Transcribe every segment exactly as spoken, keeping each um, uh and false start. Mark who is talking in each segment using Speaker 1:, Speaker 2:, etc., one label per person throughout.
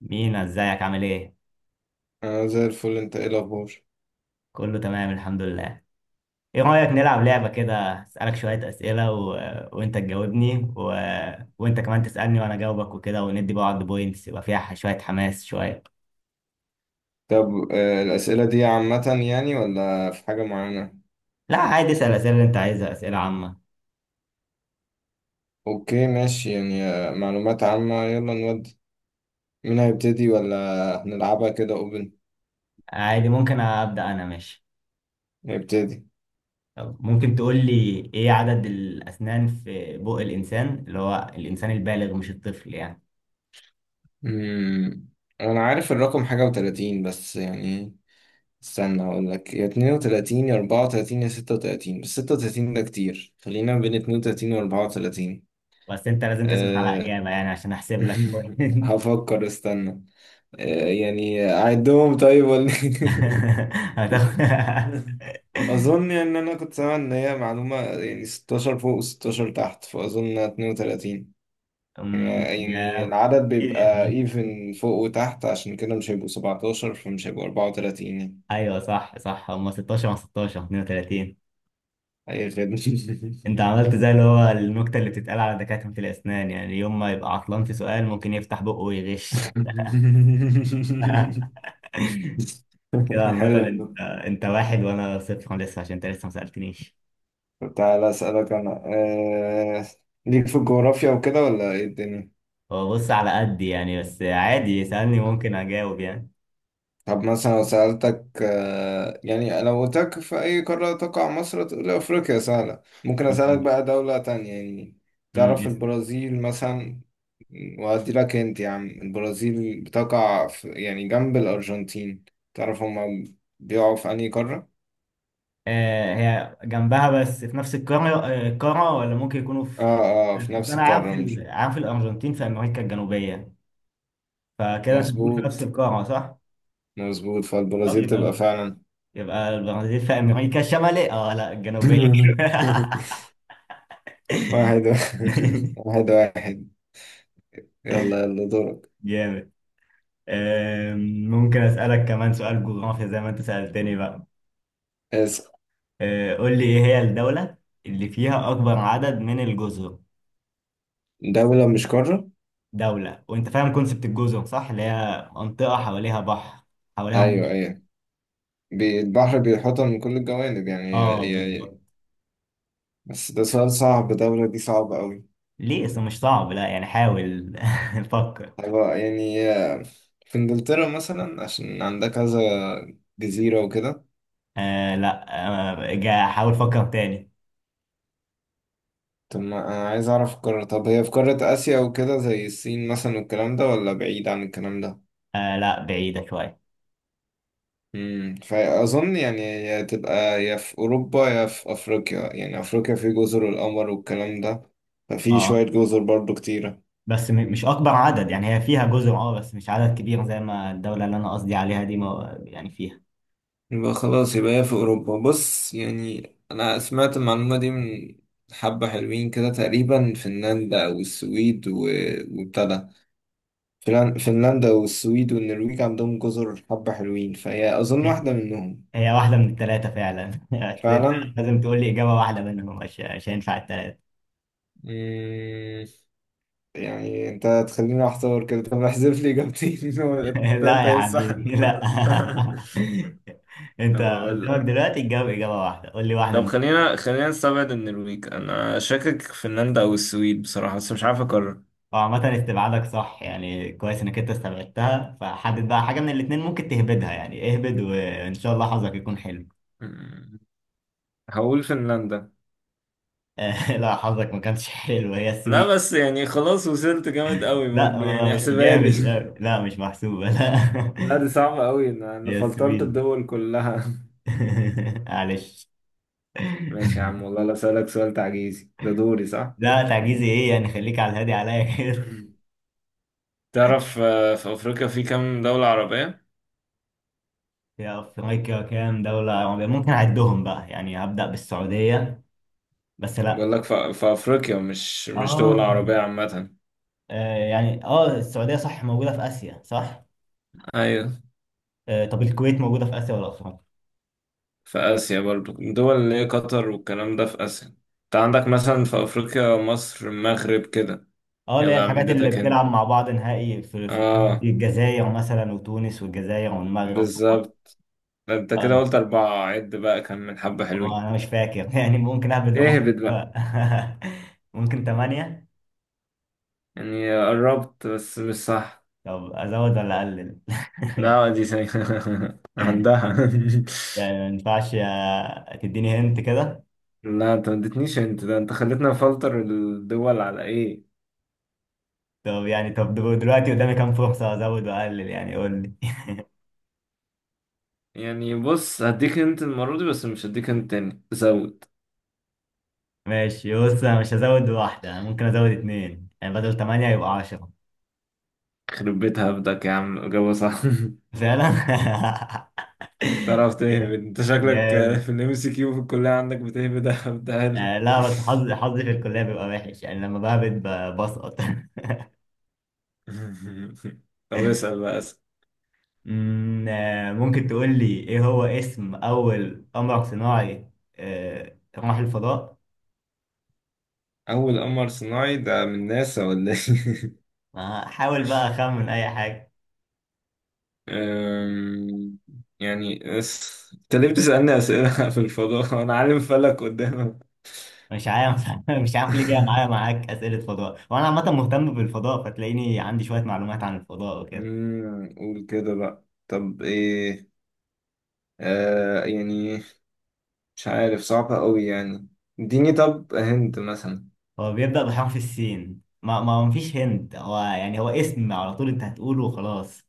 Speaker 1: مينا، ازيك؟ عامل ايه؟
Speaker 2: أنا زي الفل. أنت إيه الأخبار؟
Speaker 1: كله تمام الحمد لله. ايه رأيك نلعب لعبة كده؟ اسألك شوية اسئلة و... وانت تجاوبني، و... وانت كمان تسألني وانا اجاوبك وكده، وندي بعض بوينتس يبقى فيها ح- شوية حماس شوية.
Speaker 2: طب آه، الأسئلة دي عامة يعني ولا في حاجة معينة؟
Speaker 1: لا عادي، اسأل الاسئلة اللي انت عايزها، اسئلة عامة.
Speaker 2: أوكي ماشي، يعني آه، معلومات عامة. يلا نودي. مين هيبتدي، ولا هنلعبها كده أوبن؟
Speaker 1: عادي ممكن ابدأ انا، ماشي.
Speaker 2: هيبتدي.
Speaker 1: طب ممكن تقول لي ايه عدد الاسنان في بق الانسان، اللي هو الانسان البالغ مش الطفل يعني.
Speaker 2: مم. أنا عارف الرقم حاجة وتلاتين بس يعني، استنى أقول لك، يا اتنين وتلاتين يا أربعة وتلاتين يا ستة وتلاتين، بس ستة وتلاتين ده كتير. خلينا بين اتنين وتلاتين وأربعة وتلاتين.
Speaker 1: بس انت لازم تثبت على
Speaker 2: أه...
Speaker 1: اجابة يعني، عشان احسب لك بوينت.
Speaker 2: هفكر، استنى. أه يعني أعدهم طيب، ولا
Speaker 1: هتاخد.
Speaker 2: اظن يعني ان انا كنت سامع ان هي معلومه يعني ستاشر فوق وستاشر تحت، فاظن اثنان وثلاثون يعني.
Speaker 1: أم،
Speaker 2: يعني
Speaker 1: جاب.
Speaker 2: العدد
Speaker 1: إيه
Speaker 2: بيبقى
Speaker 1: ده؟
Speaker 2: ايفن فوق وتحت، عشان كده مش هيبقوا سبعة عشر، فمش هيبقوا أربعة وتلاتين يعني.
Speaker 1: ايوه صح صح، هم ستاشر مع ستاشر اتنين وتلاتين.
Speaker 2: اي خدمه.
Speaker 1: انت عملت زي اللي هو النكته اللي بتتقال على دكاتره الاسنان، يعني يوم ما يبقى عطلان في سؤال ممكن يفتح بقه ويغش. كده عامه
Speaker 2: حلو والله.
Speaker 1: انت انت واحد وانا صفر لسه، عشان انت لسه ما سالتنيش.
Speaker 2: طب تعالى اسالك انا. أه... ليك في الجغرافيا وكده، ولا ايه الدنيا؟
Speaker 1: هو بص، على قد يعني، بس عادي يسالني ممكن اجاوب يعني.
Speaker 2: طب مثلا لو سألتك، آه، يعني لو قلت لك في أي قارة تقع مصر، تقول لي أفريقيا. سهلة. ممكن أسألك بقى دولة تانية يعني.
Speaker 1: أمم،
Speaker 2: تعرف
Speaker 1: يس.
Speaker 2: البرازيل مثلا؟ وأدي لك أنت يا عم، البرازيل بتقع في يعني جنب الأرجنتين. تعرف هما بيقعوا في أنهي قارة؟
Speaker 1: آه هي جنبها، بس في نفس القاره، آه، القاره ولا ممكن يكونوا
Speaker 2: آه،
Speaker 1: في.
Speaker 2: آه، في
Speaker 1: أصل
Speaker 2: نفس
Speaker 1: انا عارف
Speaker 2: القارة، مش
Speaker 1: ال- عارف الارجنتين في امريكا الجنوبيه، فكده انت بتقول في نفس
Speaker 2: مظبوط؟
Speaker 1: القاره صح؟
Speaker 2: مظبوط،
Speaker 1: طب
Speaker 2: فالبرازيل
Speaker 1: يبقى
Speaker 2: تبقى
Speaker 1: الب...
Speaker 2: فعلا.
Speaker 1: يبقى البرازيل في امريكا الشماليه، اه لا الجنوبيه.
Speaker 2: واحد واحد واحد واحد. يلا يلا دورك.
Speaker 1: جامد. آم، ممكن اسالك كمان سؤال جغرافيا زي ما انت سالتني بقى.
Speaker 2: اسأل.
Speaker 1: آه، قول لي ايه هي الدوله اللي فيها اكبر عدد من الجزر.
Speaker 2: دولة مش قارة.
Speaker 1: دوله. وانت فاهم كونسبت الجزر صح؟ اللي هي منطقه حواليها بحر، حواليها
Speaker 2: ايوه،
Speaker 1: ميه.
Speaker 2: ايوه، بي- البحر بيحوطها من كل الجوانب، يعني هي
Speaker 1: اه
Speaker 2: هي
Speaker 1: بالظبط.
Speaker 2: بس ده سؤال صعب، الدولة دي صعبة أوي.
Speaker 1: ليه؟ اصل مش صعب، لا يعني حاول. فكر.
Speaker 2: هيبقى يعني، آه، في إنجلترا مثلا، عشان عندها كذا جزيرة وكده.
Speaker 1: آه لا، آه جا- حاول فكر تاني.
Speaker 2: طب ما أنا عايز أعرف القارة، طب هي في قارة آسيا وكده زي الصين مثلا والكلام ده، ولا بعيد عن الكلام ده؟
Speaker 1: آه لا، بعيدة شوية.
Speaker 2: امم فأظن يعني هي تبقى يا في أوروبا يا في أفريقيا، يعني أفريقيا في جزر القمر والكلام ده، ففي
Speaker 1: اه
Speaker 2: شوية جزر برضو كتيرة.
Speaker 1: بس م- مش أكبر عدد، يعني هي فيها جزر اه، بس مش عدد كبير زي ما الدولة اللي أنا قصدي عليها دي ما يعني فيها.
Speaker 2: يبقى خلاص يبقى هي في أوروبا. بص يعني أنا سمعت المعلومة دي من حبة حلوين كده تقريبا، فنلندا والسويد و... وابتدى، فنلن- فنلندا والسويد والنرويج عندهم جزر حبة حلوين، فهي أظن
Speaker 1: هي،
Speaker 2: واحدة منهم.
Speaker 1: هي واحدة من الثلاثة فعلا. بس أنت
Speaker 2: فعلا.
Speaker 1: لازم تقول لي إجابة واحدة منهم، مش مش هينفع الثلاثة.
Speaker 2: مم، يعني أنت هتخليني أحتار كده؟ طب احذف لي إجابتين ولا
Speaker 1: لا
Speaker 2: التالتة
Speaker 1: يا
Speaker 2: هي الصح؟
Speaker 1: حبيبي لا. أنت
Speaker 2: طب أقول لك،
Speaker 1: قدامك دلوقتي تجاوب إجابة واحدة، قول لي واحدة
Speaker 2: طب
Speaker 1: من.
Speaker 2: خلينا خلينا نستبعد النرويج. أنا شاكك في فنلندا أو السويد بصراحة، بس مش عارف أقرر.
Speaker 1: وعامة استبعادك صح يعني، كويس إنك أنت استبعدتها، فحدد بقى حاجة من الاتنين ممكن تهبدها. يعني اهبد وإن شاء الله حظك يكون حلو.
Speaker 2: مم. هقول فنلندا.
Speaker 1: لا، حظك ما كانش حلو، هي
Speaker 2: لا
Speaker 1: السويد.
Speaker 2: بس يعني خلاص وصلت، جامد قوي
Speaker 1: لا
Speaker 2: برضه،
Speaker 1: ما-
Speaker 2: يعني
Speaker 1: مش آه،
Speaker 2: احسبها
Speaker 1: جامد،
Speaker 2: لي.
Speaker 1: لا لا، مش محسوبة لا.
Speaker 2: لا دي صعبة أوي، أنا أنا
Speaker 1: هي
Speaker 2: فلترت
Speaker 1: السويد.
Speaker 2: الدول كلها.
Speaker 1: معلش.
Speaker 2: ماشي يا عم، والله لا أسألك سؤال تعجيزي. ده دوري صح؟
Speaker 1: لا تعجيزي ايه يعني، خليك على الهادي عليا كده.
Speaker 2: مم. تعرف آه، في افريقيا في كام دولة عربية؟
Speaker 1: يا افريقيا، كام دولة عربية؟ ممكن اعدهم بقى. يعني هبدأ بالسعودية، بس لا.
Speaker 2: بقول لك في في افريقيا، مش مش دول
Speaker 1: اه،
Speaker 2: عربية عامة.
Speaker 1: آه، يعني اه السعودية صح، موجودة في آسيا صح.
Speaker 2: ايوه.
Speaker 1: آه، طب الكويت موجودة في آسيا ولا أفريقيا؟
Speaker 2: في اسيا برضو، دول اللي هي قطر والكلام ده في اسيا، انت عندك مثلا في افريقيا مصر المغرب كده.
Speaker 1: اه اللي هي
Speaker 2: يلا يا عم،
Speaker 1: الحاجات اللي
Speaker 2: اديتك انت.
Speaker 1: بتلعب مع بعض نهائي في في.
Speaker 2: اه،
Speaker 1: الجزائر مثلا، وتونس والجزائر والمغرب ومصر.
Speaker 2: بالظبط. ده انت كده
Speaker 1: اه،
Speaker 2: قلت أربعة، عد بقى، كان من حبة
Speaker 1: اه
Speaker 2: حلوين.
Speaker 1: انا مش فاكر. يعني ممكن اهبد رقم.
Speaker 2: اهبط بقى.
Speaker 1: ممكن ثمانية.
Speaker 2: يعني قربت بس مش صح.
Speaker 1: طب ازود ولا اقلل؟
Speaker 2: لا دي سي... عندها.
Speaker 1: يعني ما ينفعش آه، تديني هنت كده.
Speaker 2: لا انت ما اديتنيش، انت ده انت خليتنا نفلتر الدول على ايه.
Speaker 1: طب يعني، طب دل- دلوقتي قدامي كام فرصة ازود واقلل؟ يعني قول لي.
Speaker 2: يعني بص هديك انت المرة دي، بس مش هديك انت تاني. زود.
Speaker 1: ماشي بص، انا مش هزود واحدة، انا ممكن ازود اتنين يعني، بدل ثمانية يبقى عشرة.
Speaker 2: خرب بيت هبدك يا عم، إجابة صح.
Speaker 1: فعلا.
Speaker 2: تعرف تهبد انت شكلك،
Speaker 1: جامد.
Speaker 2: في الام سي كيو في الكلية عندك بتهبد هبدها له.
Speaker 1: آه لا، بس حظي، حظي في الكلية بيبقى وحش، يعني لما بهبت ب- بسقط.
Speaker 2: طب اسأل بقى.
Speaker 1: أمم، آه ممكن تقول لي ايه هو اسم اول قمر صناعي آه راح الفضاء؟
Speaker 2: أول قمر صناعي ده من ناسا ولا إيه؟
Speaker 1: ما حاول بقى، اخمن اي حاجة.
Speaker 2: أم، يعني اس- أنت ليه بتسألني أسئلة في الفضاء؟ أنا عالم فلك قدامك.
Speaker 1: مش عارف. مش عارف ليه جاية معايا، معاك أسئلة فضاء، وانا عامة مهتم بالفضاء، فتلاقيني عندي شوية معلومات عن الفضاء وكده.
Speaker 2: أمم، قول كده بقى. طب إيه؟ آه يعني مش عارف، صعبة أوي يعني. اديني طب هنت مثلا.
Speaker 1: هو بيبدأ بحرف السين. ما ما مفيش هند، هو يعني هو اسم على طول انت هتقوله وخلاص.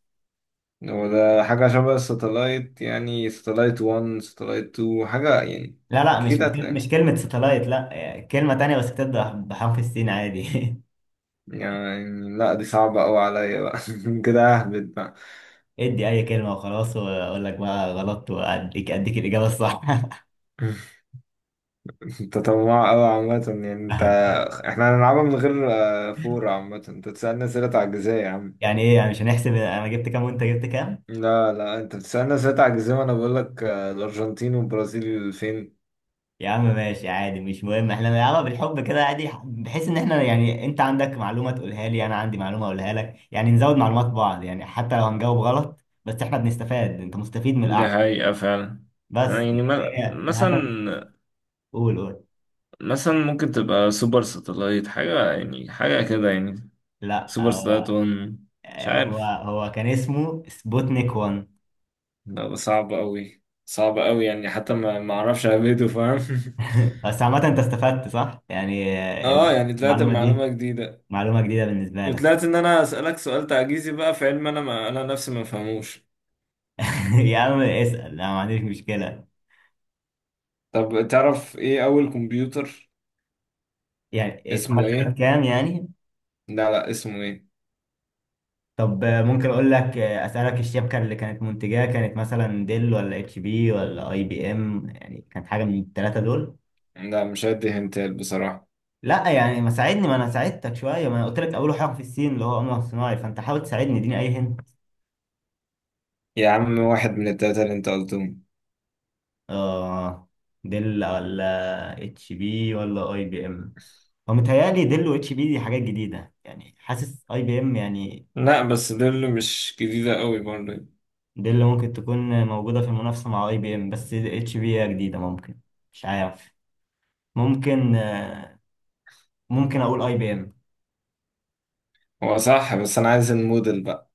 Speaker 2: هو ده حاجة شبه الساتلايت، يعني ساتلايت واحد ساتلايت اتنين، حاجة يعني؟
Speaker 1: لا لا، مش
Speaker 2: أكيد
Speaker 1: مش
Speaker 2: هتلاقي،
Speaker 1: مش كلمة ساتلايت، لا كلمة تانية بس بتبدأ بحرف السين عادي.
Speaker 2: يعني لا دي صعبة أوي عليا بقى. كده أهبد بقى.
Speaker 1: ادي أي كلمة وخلاص، وأقول لك بقى غلط، وأديك أديك الإجابة الصح.
Speaker 2: انت طماع قوي عامة يعني انت، احنا هنلعبها من غير آه، فور. عامة انت تسألني اسئلة تعجيزية يا عم.
Speaker 1: يعني إيه يعني، مش هنحسب أنا جبت كام وأنت جبت كام؟
Speaker 2: لا، لا، انت بتسألني اسئلة تعجيزية، وانا بقول لك آه، الارجنتين والبرازيل فين.
Speaker 1: يا عم ماشي عادي، مش مهم، احنا بنلعبها بالحب كده عادي، بحيث إن احنا يعني أنت عندك معلومة تقولها لي، أنا عندي معلومة أقولها لك، يعني نزود معلومات بعض يعني، حتى لو هنجاوب غلط. بس احنا بنستفاد، أنت مستفيد من
Speaker 2: دي
Speaker 1: القعدة
Speaker 2: حقيقة فعلا. آه،
Speaker 1: بس.
Speaker 2: يعني ما-
Speaker 1: هي الهدف.
Speaker 2: مثلا،
Speaker 1: قول قول.
Speaker 2: مثلا ممكن تبقى سوبر ساتلايت حاجة، يعني حاجة كده يعني،
Speaker 1: لا
Speaker 2: سوبر ساتلايت
Speaker 1: آه،
Speaker 2: واحد؟ مش
Speaker 1: هو
Speaker 2: عارف.
Speaker 1: هو كان اسمه سبوتنيك واحد.
Speaker 2: لا بس صعب قوي، صعب قوي، يعني حتى ما ما اعرفش اهبده، فاهم؟
Speaker 1: بس عامة انت استفدت صح؟ يعني
Speaker 2: اه
Speaker 1: ال-
Speaker 2: يعني طلعت
Speaker 1: المعلومة دي
Speaker 2: معلومة جديدة،
Speaker 1: معلومة جديدة بالنسبة لك.
Speaker 2: وطلعت ان انا اسالك سؤال تعجيزي بقى في علم انا، ما انا نفسي ما فهموش.
Speaker 1: يا عم اسأل، انا ما عنديش مشكلة.
Speaker 2: طب تعرف ايه اول كمبيوتر
Speaker 1: يعني
Speaker 2: اسمه
Speaker 1: اتعمل سنة
Speaker 2: ايه؟
Speaker 1: كام يعني؟
Speaker 2: لا، لا، اسمه ايه؟
Speaker 1: طب آه، ممكن اقول لك، آه، اسألك الشبكة اللي كانت منتجاه كانت مثلا ديل ولا اتش بي ولا اي بي ام؟ يعني كانت حاجة من الثلاثة دول؟
Speaker 2: لا مش هدي هنتال بصراحة.
Speaker 1: لا يعني ما ساعدني، ما انا ساعدتك شوية، ما انا قلت لك اول حاجة في الصين اللي هو قمر صناعي، فانت حاول تساعدني اديني اي.
Speaker 2: يا عم واحد من التلاتة اللي انت قلتهم.
Speaker 1: اه، ديل ولا اتش بي ولا اي بي ام. هو متهيألي ديل واتش بي دي حاجات جديدة يعني، حاسس اي بي ام يعني.
Speaker 2: لا بس دول مش جديدة قوي برضه.
Speaker 1: ديل ممكن تكون موجودة في المنافسة مع اي بي ام، بس اتش بي هي جديدة ممكن. مش عارف. ممكن آه، ممكن اقول اي بي ام.
Speaker 2: هو صح بس انا عايز الموديل بقى.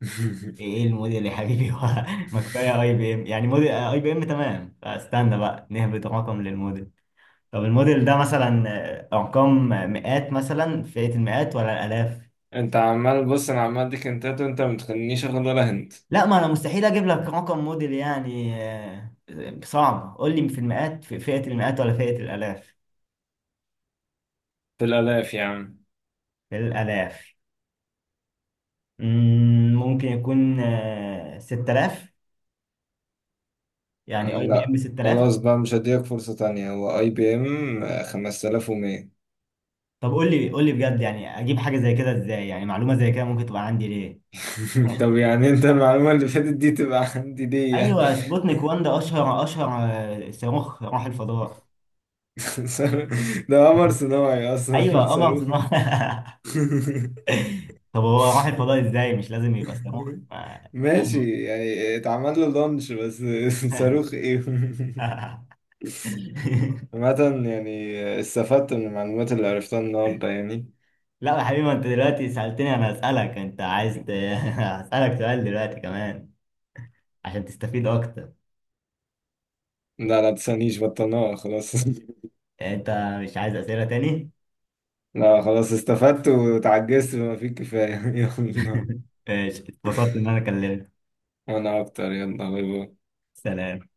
Speaker 1: ايه إيه الموديل يا حبيبي؟ هو، ما كفاية اي بي ام يعني، موديل اي بي ام تمام، فاستنى بقى نهبط رقم للموديل. طب الموديل ده مثلا آه، ارقام مئات مثلا، فئة المئات ولا الالاف؟
Speaker 2: انت عمال بص، انا عمال اديك هنتات وانت ما تخلينيش اخد ولا هنت.
Speaker 1: لا ما انا مستحيل اجيب لك رقم موديل يعني. آه، صعب، قول لي في المئات، في فئة المئات ولا فئة الالاف.
Speaker 2: في الالاف يا عم.
Speaker 1: في الالاف. مم، ممكن يكون آه، ست تلاف، يعني اي بي ام
Speaker 2: لا
Speaker 1: ست تلاف.
Speaker 2: خلاص بقى، مش هديك فرصة تانية. هو اي بي ام خمسة آلاف ومية.
Speaker 1: طب قول لي، قول لي بجد يعني، اجيب حاجة زي كده ازاي؟ يعني معلومة زي كده ممكن تبقى عندي ليه؟
Speaker 2: طب يعني انت المعلومة اللي فاتت دي تبقى عندي ليه يعني؟
Speaker 1: ايوه سبوتنيك واحد ده اشهر اشهر آه، صاروخ راح الفضاء.
Speaker 2: صاروخ- ده قمر صناعي اصلا.
Speaker 1: ايوه قمر
Speaker 2: صاروخ!
Speaker 1: صناعي. طب هو راح الفضاء ازاي؟ مش لازم يبقى صاروخ ما-
Speaker 2: ماشي يعني اتعمل له لونش بس. صاروخ ايه. عامة يعني استفدت من المعلومات اللي عرفتها النهاردة يعني.
Speaker 1: لا يا حبيبي، ما انت دلوقتي سألتني، انا هسألك. انت عايز ت... هسألك سؤال دلوقتي كمان عشان تستفيد اكتر.
Speaker 2: لا، لا، تسألنيش، بطلناها خلاص.
Speaker 1: يعني انت مش عايز أسئلة تاني؟
Speaker 2: لا خلاص، استفدت وتعجزت بما فيه الكفاية. يلا
Speaker 1: ماشي، اتبسطت ان انا كلمتك.
Speaker 2: انا اكتر. يلا، باي باي.
Speaker 1: سلام.